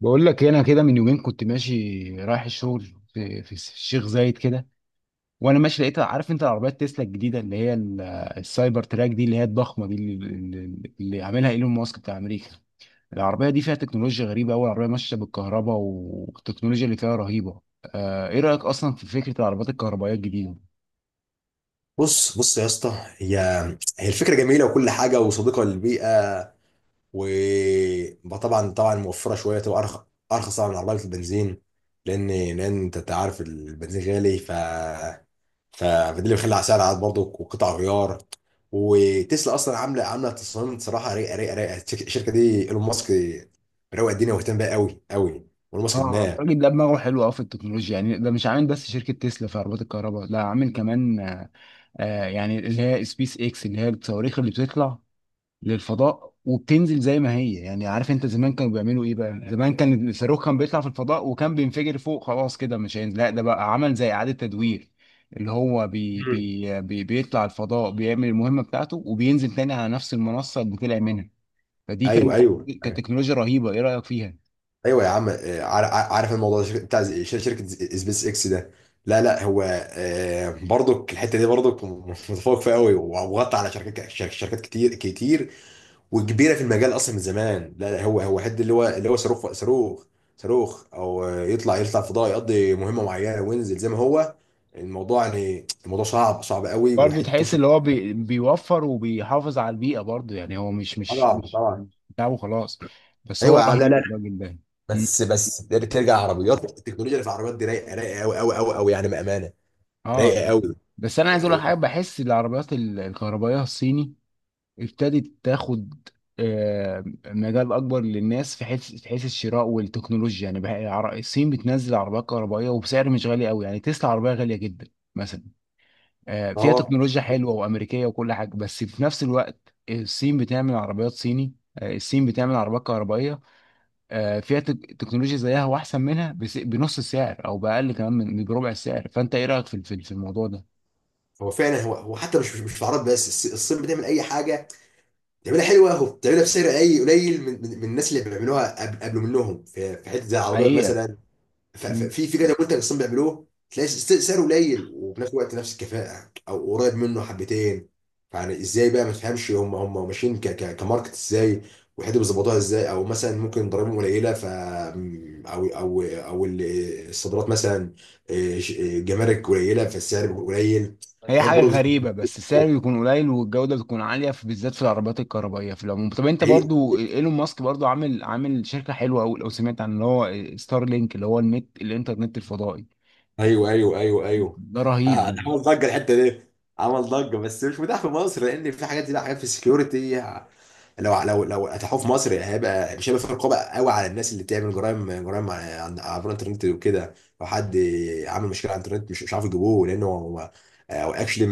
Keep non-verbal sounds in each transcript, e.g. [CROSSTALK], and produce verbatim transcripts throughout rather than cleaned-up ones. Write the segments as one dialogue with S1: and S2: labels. S1: بقول لك إيه، انا كده من يومين كنت ماشي رايح الشغل في, في الشيخ زايد كده. وانا ماشي لقيت عارف انت العربيات تسلا الجديده اللي هي ال- السايبر تراك دي اللي هي الضخمه دي اللي, اللي اللي عاملها ايلون ماسك بتاع امريكا. العربيه دي فيها تكنولوجيا غريبه قوي، العربيه ماشيه بالكهرباء والتكنولوجيا اللي فيها رهيبه. آه ايه رايك اصلا في فكره العربيات الكهربائيه الجديده؟
S2: بص بص يا اسطى. هي هي الفكره جميله وكل حاجه وصديقه للبيئه. وطبعا طبعا موفره شويه، تبقى ارخص ارخص طبعا من عربيه البنزين. لان لان انت أنت عارف البنزين غالي، ف ف- فده اللي بيخلي على سعر عاد برضه وقطع غيار. وتسلا اصلا عامله عامله تصميم صراحه رايقه رايقه رايقه. الشركه الشركة دي ايلون ماسك، روق الدنيا واهتم بيها قوي قوي. ايلون ماسك
S1: اه
S2: دماغ.
S1: الراجل ده دماغه حلو قوي في التكنولوجيا، يعني ده مش عامل بس شركه تسلا في عربيات الكهرباء، لا عامل كمان آه آه، يعني اللي هي سبيس اكس اللي هي الصواريخ اللي بتطلع للفضاء وبتنزل زي ما هي. يعني عارف انت زمان كانوا بيعملوا ايه بقى، زمان كان الصاروخ كان بيطلع في الفضاء وكان بينفجر فوق، خلاص كده مش هينزل، لا ده بقى عمل زي إعادة تدوير اللي هو بي
S2: مم.
S1: بي بي بيطلع الفضاء، بيعمل المهمة بتاعته وبينزل تاني على نفس المنصة اللي طلع منها. فدي
S2: ايوه
S1: كانت
S2: ايوه،
S1: كانت تكنولوجيا رهيبة، ايه رأيك فيها؟
S2: ايوه يا عم. آه، عار- عار- عارف الموضوع ده بتاع زي- شر- شركه زي- سبيس اكس ده. لا لا، هو آه، برضك الحته دي برضك متفوق فيها قوي، وغطى على شركات شر- شركات كتير كتير، وكبيره في المجال اصلا من زمان. لا لا، هو هو حد اللي هو اللي هو صاروخ صاروخ صاروخ او آه، يطلع يطلع فضاء، يقضي مهمه معينه وينزل زي ما هو. الموضوع يعني الموضوع صعب صعب قوي،
S1: برضه
S2: وحته
S1: تحس
S2: توصل.
S1: اللي هو بي بيوفر وبيحافظ على البيئة برضه، يعني هو مش مش
S2: طبعا
S1: مش
S2: طبعا
S1: مش بتاعه خلاص، بس هو
S2: ايوه يا عم. لا
S1: رهيب
S2: لا.
S1: الراجل ده.
S2: بس بس ترجع، عربيات التكنولوجيا اللي في العربيات دي رايقه رايقه قوي قوي قوي قوي يعني، بامانه
S1: اه
S2: رايقه قوي.
S1: بس انا عايز اقول لك
S2: هو
S1: حاجه، بحس العربيات ال- الكهربائيه الصيني ابتدت تاخد آه، مجال اكبر للناس في حيث في حيث الشراء والتكنولوجيا، يعني بقى العر- الصين بتنزل عربيات كهربائيه وبسعر مش غالي قوي، يعني تسلا عربيه غاليه جدا مثلا، آه، فيها
S2: اه،
S1: تكنولوجيا حلوه وامريكيه وكل حاجه، بس في نفس الوقت الصين بتعمل عربيات صيني، آه، الصين بتعمل عربيات كهربائيه، آه، فيها تك- تكنولوجيا زيها واحسن منها، بس- بنص السعر او باقل كمان من من بربع السعر. فانت ايه رايك في في في الموضوع ده؟
S2: هو فعلا هو هو حتى مش مش مش في العرب بس، الص- الصين بتعمل اي حاجه بتعملها حلوه، وبتعملها بسعر اي قليل من من من الناس اللي بيعملوها قبل قبل منهم، في في حته زي العربيات
S1: حقيقة.
S2: مثلا. ف- ف-
S1: مم.
S2: في في كده منتج اصلا بيعملوه، تلاقي س- سعره قليل، وفي نفس الوقت نفس الكفاءه او قريب منه حبتين. يعني ازاي بقى ما تفهمش هم هم ماشيين ك ك كماركت ازاي، وحته بيظبطوها ازاي. او مثلا ممكن ضرائبهم قليله، ف او او او ال- الصادرات مثلا، إيه، ش- إيه، جمارك قليله، فالسعر بيكون قليل.
S1: هي فاهم
S2: حاجات
S1: حاجة
S2: برضه بت-
S1: غريبة، بس السعر بيكون قليل والجودة بتكون عالية، في بالذات في العربيات الكهربائية في العموم. طب انت
S2: حقيقة.
S1: برضو ايلون ماسك برضو عامل عامل شركة حلوة قوي، لو سمعت عن اللي هو ستار لينك اللي هو النت الانترنت الفضائي؟
S2: ايوه ايوه ايوه ايوه
S1: ده
S2: [LAUGHS]
S1: رهيب
S2: آه،
S1: ده.
S2: ده عمل ضجه الحته دي. عمل ضجه بس مش متاح في مصر، لان في حاجات دي بقى حاجات في السكيورتي. لو لو لو اتاحوه في مصر، هيبقى مش هيبقى في رقابه قوي على الناس اللي بتعمل جرائم جرائم على عن- عبر الانترنت وكده. لو حد عامل مشكله على الانترنت، مش مش عارف يجيبوه، لانه هو هو اكشلي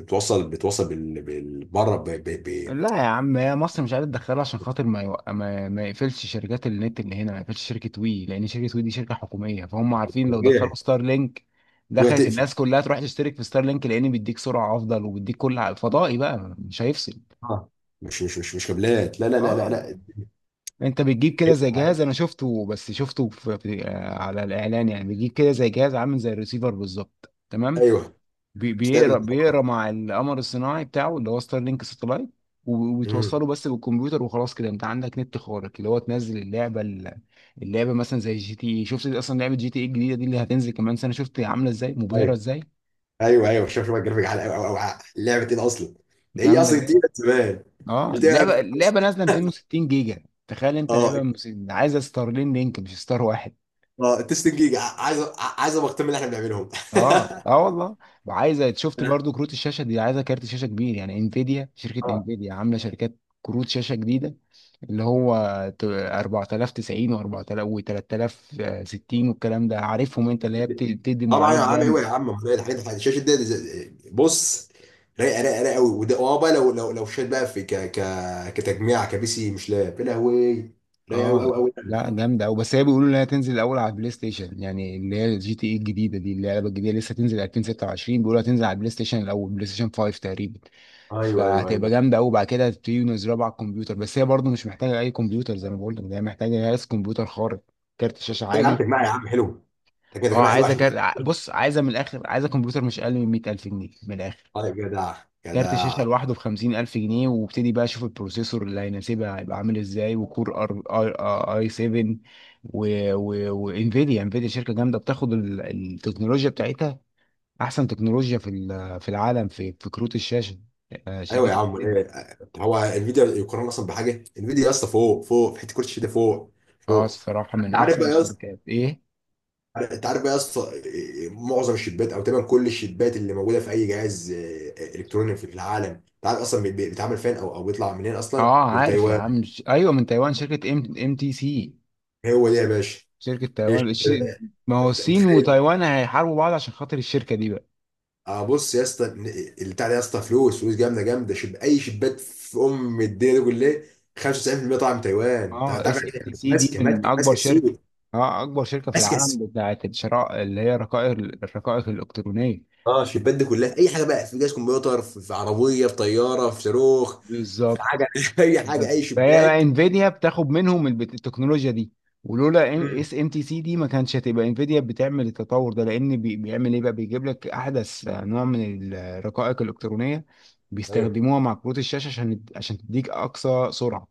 S2: بتوصل بتوصل بال- بال- بره ب- ب- ب-
S1: لا يا عم، هي مصر مش عايزة تدخله عشان خاطر ما يوق... ما... ما يقفلش شركات النت اللي هنا، ما يقفلش شركة وي، لأن شركة وي دي شركة حكومية، فهم عارفين لو دخلوا
S2: طبيعي.
S1: ستار لينك
S2: وهي
S1: دخلت
S2: تقفل.
S1: الناس كلها تروح تشترك في ستار لينك، لأن بيديك سرعة أفضل وبيديك كل ع- فضائي بقى مش هيفصل.
S2: اه، مش مش مش مش كابلات، لا لا لا لا
S1: اه،
S2: لا.
S1: انت بتجيب كده زي جهاز، انا شفته بس شفته في في- آه، على الاعلان يعني، بتجيب كده زي جهاز عامل زي الريسيفر بالظبط، تمام.
S2: ايوه.
S1: بي-
S2: بتستقبل.
S1: بيقرا بيقرا مع القمر الصناعي بتاعه اللي هو ستار لينك ساتلايت، و-
S2: امم.
S1: وبتوصله بس بالكمبيوتر وخلاص كده انت عندك نت خارق، اللي هو تنزل اللعبه ال- اللعبه مثلا زي جي تي اي. شفت اصلا لعبه جي تي اي الجديده دي اللي هتنزل كمان سنه؟ شفت عامله ازاي مبهره
S2: ايوه
S1: ازاي؟
S2: ايوه ايوه. شوف شوف الجرافيك على أو- أو- أو- لعبه ايه ده اصلا. ده هي
S1: جامده
S2: اصلا
S1: جدا.
S2: تقيله زمان.
S1: اه
S2: بتبقى.
S1: لعبه لعبه نازله مئتين وستين جيجا، تخيل انت
S2: اه
S1: لعبه مس- عايزه ستارلين لينك مش ستار واحد.
S2: اه، التستنج جيجا، عايز عايز ابقى اهتم اللي احنا بنعملهم.
S1: اه اه والله. وعايزه، شفت برضو
S2: [LAUGHS]
S1: كروت الشاشه دي، عايزه كارت شاشه كبير يعني. انفيديا شركه
S2: اه،
S1: انفيديا عامله شركات كروت شاشه جديده اللي هو ت- أربعة آلاف وتسعين و4000 و3060 والكلام ده، عارفهم انت اللي هي بت- بتدي
S2: طبعا يا
S1: معالج.
S2: عم، ايوه يا عم، ما هي الحاجات الحاجات- الشاشه دي دي-. بص، رايقه رايقه رايقه قوي، وده اه بقى. لو لو لو شات بقى، في ك ك كتجميع كبي سي، مش لاب. يا لهوي، رايقه قوي
S1: اه
S2: قوي
S1: لا
S2: قوي.
S1: جامده قوي، بس هي بيقولوا انها تنزل الاول على البلاي ستيشن، يعني اللي هي الجي تي اي الجديده دي اللي هي اللعبه الجديده لسه تنزل ألفين وستة وعشرين، بيقولوا هتنزل على البلاي ستيشن الاول بلاي ستيشن خمسة تقريبا،
S2: ايوه ايوه
S1: فهتبقى
S2: ايوه.
S1: جامده قوي. بعد كده هتبتدي ينزلوها على الكمبيوتر، بس هي برضه مش محتاجه اي كمبيوتر، زي ما بقول لك هي محتاجه جهاز كمبيوتر خارق، كارت شاشه
S2: طب يا عم
S1: عالي.
S2: تجميع يا عم حلو. تجميع
S1: اه
S2: تجميع حلو
S1: عايزه
S2: عشان.
S1: كارت ع- بص عايزه من الاخر، عايزه كمبيوتر مش اقل من مية ألف جنيه من الاخر،
S2: طيب جدع
S1: كارت شاشة
S2: جدع.
S1: لوحده بخمسين ألف جنيه، وابتدي بقى أشوف البروسيسور اللي هيناسبها هيبقى عامل إزاي، وكور أر أي آه، أي سبعة. و- و- وإنفيديا إنفيديا شركة جامدة، بتاخد ال- التكنولوجيا بتاعتها، أحسن تكنولوجيا في ال- في العالم في في كروت الشاشة، آه،
S2: ايوه يا
S1: شركة
S2: عم
S1: إنفيديا.
S2: ايه. هو انفيديا يقارن اصلا بحاجه؟ انفيديا يا اسطى فوق فوق، في حته كرسي ده فوق
S1: أه
S2: فوق.
S1: الصراحة من
S2: انت عارف
S1: أحسن
S2: بقى يا
S1: الشركات. إيه؟
S2: انت عارف بقى يا اسطى، إيه، معظم الشيبات، او تقريبا كل الشيبات اللي موجوده في اي جهاز إيه، الكتروني في العالم، انت عارف اصلا بي- بي- بيتعمل فين، او او بيطلع منين اصلا؟
S1: أه
S2: من
S1: عارف يا
S2: تايوان.
S1: عم، ش- أيوه من تايوان، شركة إم إم تي سي،
S2: هو ده يا باشا.
S1: شركة
S2: هي
S1: تايوان الش-.
S2: شركة ده.
S1: ما هو
S2: انت
S1: الصين
S2: متخيل؟
S1: وتايوان هيحاربوا بعض عشان خاطر الشركة دي.
S2: اه، بص يا اسطى، البتاع ده يا اسطى فلوس فلوس جامده جامده. شب، اي شيبات في ام الدنيا دي كلها، خمسة وتسعين في المية طالعه من تايوان. انت
S1: اه اس
S2: عارف
S1: ام تي
S2: يعني،
S1: سي دي
S2: ماسكه
S1: من
S2: ماسكه
S1: اكبر
S2: ماسكه
S1: شركه،
S2: السوق.
S1: اه اكبر شركه في
S2: ماسكه السوق.
S1: العالم بتاعت الشراء اللي هي رقائق الرقائق الالكترونيه.
S2: اه، الشيبات دي كلها اي حاجه بقى في جهاز كمبيوتر، في في عربيه، في طياره، في صاروخ، في
S1: بالظبط.
S2: حاجه. [LAUGHS] اي حاجه،
S1: بالظبط.
S2: اي
S1: فهي بقى
S2: شيبات.
S1: انفيديا بتاخد منهم البت- التكنولوجيا دي، ولولا اس ام تي سي دي ما كانش هتبقى انفيديا بتعمل التطور ده، لان بي- بيعمل ايه بقى، بيجيب لك احدث نوع من الرقائق الالكترونيه،
S2: ايوه.
S1: بيستخدموها مع كروت الشاشه عشان عشان تديك اقصى سرعه.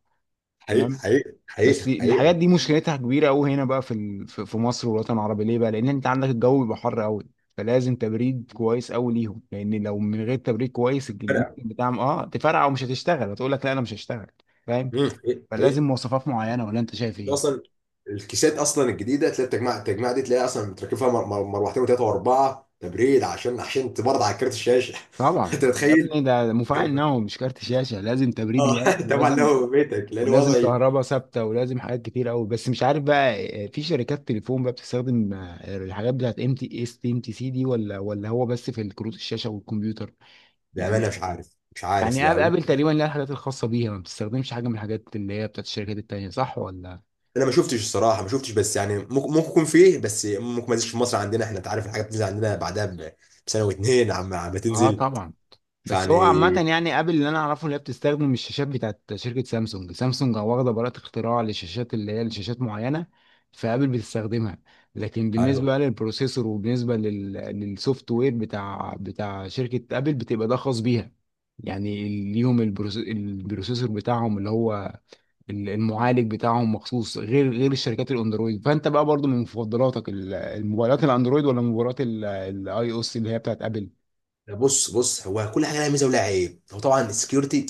S2: حقيقة
S1: تمام.
S2: حقيقة
S1: بس
S2: حقيقة
S1: الحاجات
S2: حقيقة.
S1: دي مشكلتها كبيره قوي هنا بقى في ال- في في مصر والوطن العربي، ليه بقى؟ لان انت عندك الجو بيبقى حر قوي، فلازم تبريد كويس قوي ليهم، لان لو من غير تبريد كويس
S2: فرق.
S1: الممكن بتاعهم اه تفرقع ومش هتشتغل، هتقول لك لا انا مش هشتغل، فاهم؟
S2: مم. حقيقة
S1: فلازم
S2: حقيقة.
S1: مواصفات معينه، ولا انت شايف
S2: ده
S1: ايه؟
S2: اصلا الكيسات اصلا الجديده، تلاقي التجميع التجميع دي، تلاقي اصلا متركب فيها مر- مر- مروحتين وثلاثه واربعه تبريد، عشان عشان تبرد على كارت الشاشه. [LAUGHS]
S1: طبعا.
S2: انت
S1: يا
S2: متخيل؟
S1: ابني ده مفاعل نووي مش كارت شاشه، لازم تبريد
S2: اه
S1: جامد،
S2: طبعا،
S1: ولازم
S2: لو بيتك لان
S1: ولازم
S2: وضعي.
S1: كهرباء ثابته، ولازم حاجات كتير قوي. بس مش عارف بقى آه، في شركات تليفون بقى بتستخدم آه، الحاجات بتاعت ام تي اس ام تي سي دي، ولا ولا هو بس في الكروت الشاشه والكمبيوتر؟
S2: بامانه
S1: يعني
S2: مش عارف، مش عارف
S1: يعني آب-
S2: بقى.
S1: ابل تقريبا لها الحاجات الخاصه بيها، ما بتستخدمش حاجه من الحاجات اللي هي بتاعت الشركات التانيه، صح ولا؟
S2: انا ما شفتش الصراحه، ما شفتش. بس يعني ممكن ممكن يكون فيه، بس ممكن ما ينزلش في مصر عندنا احنا. انت عارف الحاجات بتنزل عندنا بعدها ب- بسنه واتنين، عم عم
S1: اه
S2: تنزل،
S1: طبعا. بس هو
S2: فيعني.
S1: عامة يعني ابل اللي انا اعرفه اللي هي بتستخدم الشاشات بتاعت شركة سامسونج، سامسونج واخدة براءة اختراع للشاشات اللي هي لشاشات معينة، فابل بتستخدمها. لكن بالنسبة
S2: ايوه.
S1: بقى للبروسيسور وبالنسبة لل... للسوفت وير بتاع بتاع شركة ابل بتبقى ده خاص بيها، يعني ليهم البروس... البروسيسور بتاعهم اللي هو ال- المعالج بتاعهم مخصوص، غير غير الشركات الاندرويد. فانت بقى برضو من مفضلاتك ال- الموبايلات الاندرويد ولا موبايلات الاي او اس اللي هي بتاعت ابل؟
S2: بص بص، هو كل حاجه لها ميزه ولها عيب. هو طبعا السكيورتي،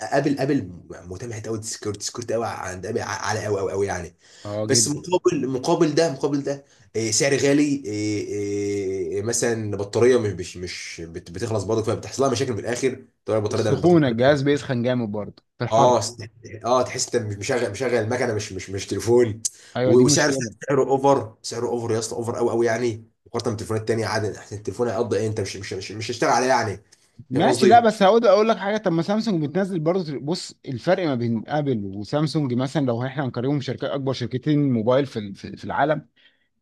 S2: ابل ابل مهتم حته قوي. السكيورتي السكيورتي قوي عند ابل، ع- عالي قوي قوي قوي يعني.
S1: اه
S2: بس
S1: جدا.
S2: مقابل، مقابل ده مقابل ده، إيه، سعر غالي. إيه، إيه، مثلا بطاريه مش مش مش بت- بتخلص برضه، فبتحصل لها مشاكل في الاخر. طبعا البطاريه، ده
S1: السخونه، الجهاز
S2: البطاريه
S1: بيسخن جامد برضه في الحر.
S2: اه س- اه تحس انت مش مشغل مشغل المكنه، مش مش مش تليفون.
S1: ايوه
S2: و-
S1: دي
S2: وسعر،
S1: مشكله.
S2: سعره اوفر سعره اوفر يا اسطى، اوفر قوي قوي يعني، مقارنه بتليفونات تانيه عادي احسن. التليفون هيقضي ايه؟ انت مش مش مش مش هيشتغل عليه يعني. فاهم
S1: ماشي، لا
S2: قصدي؟
S1: بس هقول اقول لك حاجه. طب ما سامسونج بتنزل برضه، بص الفرق ما بين ابل وسامسونج مثلا، لو احنا هنقارنهم شركات اكبر شركتين موبايل في ال- في في العالم،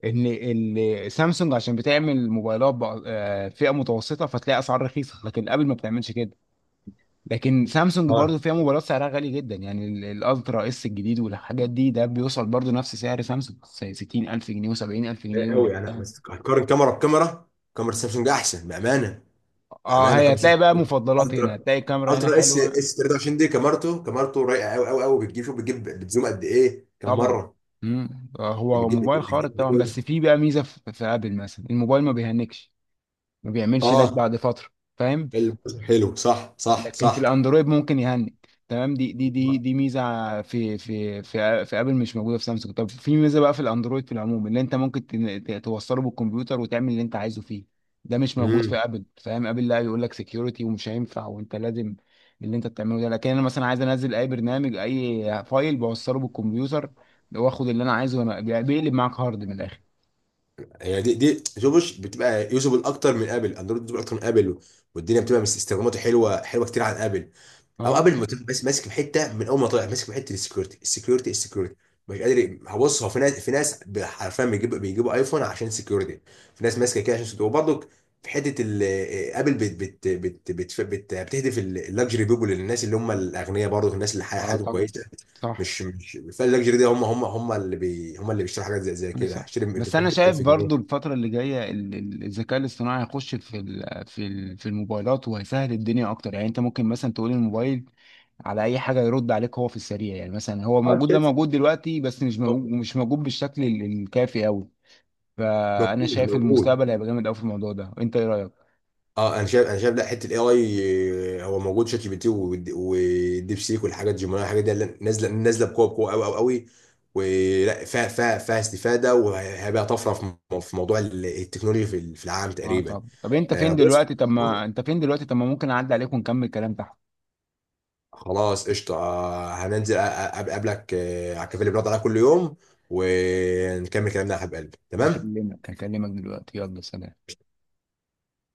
S1: ان ال- سامسونج عشان بتعمل موبايلات بأ- آه، فئه متوسطه، فتلاقي اسعار رخيصه، لكن ابل ما بتعملش كده. لكن سامسونج برضه
S2: اه،
S1: فيها موبايلات سعرها غالي جدا، يعني ال- الالترا اس الجديد والحاجات دي، ده بيوصل برضه نفس سعر سامسونج ستين ألف جنيه و70000
S2: رايق قوي
S1: جنيه.
S2: يعني. بس هتقارن كاميرا بكاميرا، كاميرا سامسونج احسن بامانه.
S1: اه
S2: بامانه،
S1: هي
S2: كاميرا
S1: هتلاقي
S2: سامسونج
S1: بقى مفضلات، هنا
S2: الترا
S1: هتلاقي الكاميرا هنا
S2: الترا اس
S1: حلوه
S2: اس تلاته وعشرين دي، كاميرته كاميرته رايقه قوي قوي قوي. بتجيب، شوف بتجيب، بتزوم قد ايه كم
S1: طبعا.
S2: مره؟
S1: مم. آه، هو
S2: بتجيب
S1: موبايل
S2: بتجيب
S1: خارق
S2: بتجيب
S1: طبعا،
S2: بتجيب.
S1: بس في بقى ميزه في في ابل مثلا، الموبايل ما بيهنكش، ما بيعملش لاج
S2: اه،
S1: بعد فتره، فاهم؟
S2: البوزيشن حلو، صح صح
S1: لكن في
S2: صح.
S1: الاندرويد ممكن يهنج، تمام. دي دي دي دي ميزه في في في في ابل مش موجوده في سامسونج. طب في ميزه بقى في الاندرويد في العموم، اللي انت ممكن تن- ت- توصله بالكمبيوتر وتعمل اللي انت عايزه فيه، ده مش موجود في
S2: امم،
S1: ابل، فاهم؟ ابل لا، يقول لك سكيورتي ومش هينفع، وانت لازم اللي انت بتعمله ده. لكن انا مثلا عايز انزل اي برنامج، اي فايل، بوصله بالكمبيوتر واخد اللي انا عايزه، وانا بيقلب معاك هارد من الاخر.
S2: يعني دي دي شوفوش، بتبقى يوزبل اكتر من ابل. اندرويد يوزبل اكتر من ابل، والدنيا بتبقى مس- استخداماته حلوه حلوه كتير عن ابل. او
S1: اه.
S2: قبل ما تروح، بس ماسك في حته من اول ما طلع، ماسك في حته السكيورتي السكيورتي السكيورتي. مش قادر هبص. هو في ناس، في ناس حرفيا بيجيب بيجيبوا ايفون عشان سكيورتي. في ناس ماسكه كده عشان سكيورتي وبرضه، في حته ال- ابل بت بت بت بت بت بتهدف اللاكجري بيبول للناس اللي هم الاغنياء. برضه الناس اللي حي-
S1: اه
S2: حياتهم
S1: طبعا.
S2: كويسه،
S1: صح.
S2: مش مش فاللاكجري ده، هم هم هم اللي بي هم اللي بيشتروا حاجات زي زي
S1: كويس.
S2: كده.
S1: أوي.
S2: هشتري
S1: بس
S2: تليفون
S1: انا
S2: ب
S1: شايف
S2: 1000
S1: برضو
S2: جنيه
S1: الفتره اللي جايه ال- ال- الذكاء الاصطناعي هيخش في ال- في ال- في الموبايلات، وهيسهل الدنيا اكتر، يعني انت ممكن مثلا تقول الموبايل على اي حاجه يرد عليك هو في السريع، يعني مثلا هو
S2: اه
S1: موجود ده
S2: شات،
S1: موجود دلوقتي بس مش موجود، مش موجود بالشكل ال- الكافي قوي. فانا
S2: موجود
S1: شايف
S2: موجود
S1: المستقبل هيبقى جامد قوي في الموضوع ده، انت ايه رايك؟
S2: اه انا شايف، انا شايف لا، حته الاي اي هو موجود. شات جي بي تي، والد- والديب سيك والحاجات، جيميناي، الحاجات دي، لا- نازله نازله بقوه بقوه قوي قوي قوي. ولا فيها، فيها فيها استفاده، وهيبقى طفره في مو- في موضوع ال- التكنولوجيا في ال- في العالم
S1: اه.
S2: تقريبا.
S1: طب طب انت
S2: آه،
S1: فين
S2: بص،
S1: دلوقتي؟ طب ما انت فين دلوقتي؟ طب ما ممكن اعدي عليك ونكمل كلام تحت.
S2: خلاص قشطه. آه، هننزل أ- أ- اقابلك آه، على الكافيه اللي بنقعد عليها كل يوم، ونكمل كلامنا يا حبيب قلبي. تمام.
S1: هكلمك هكلمك دلوقتي، يلا سلام.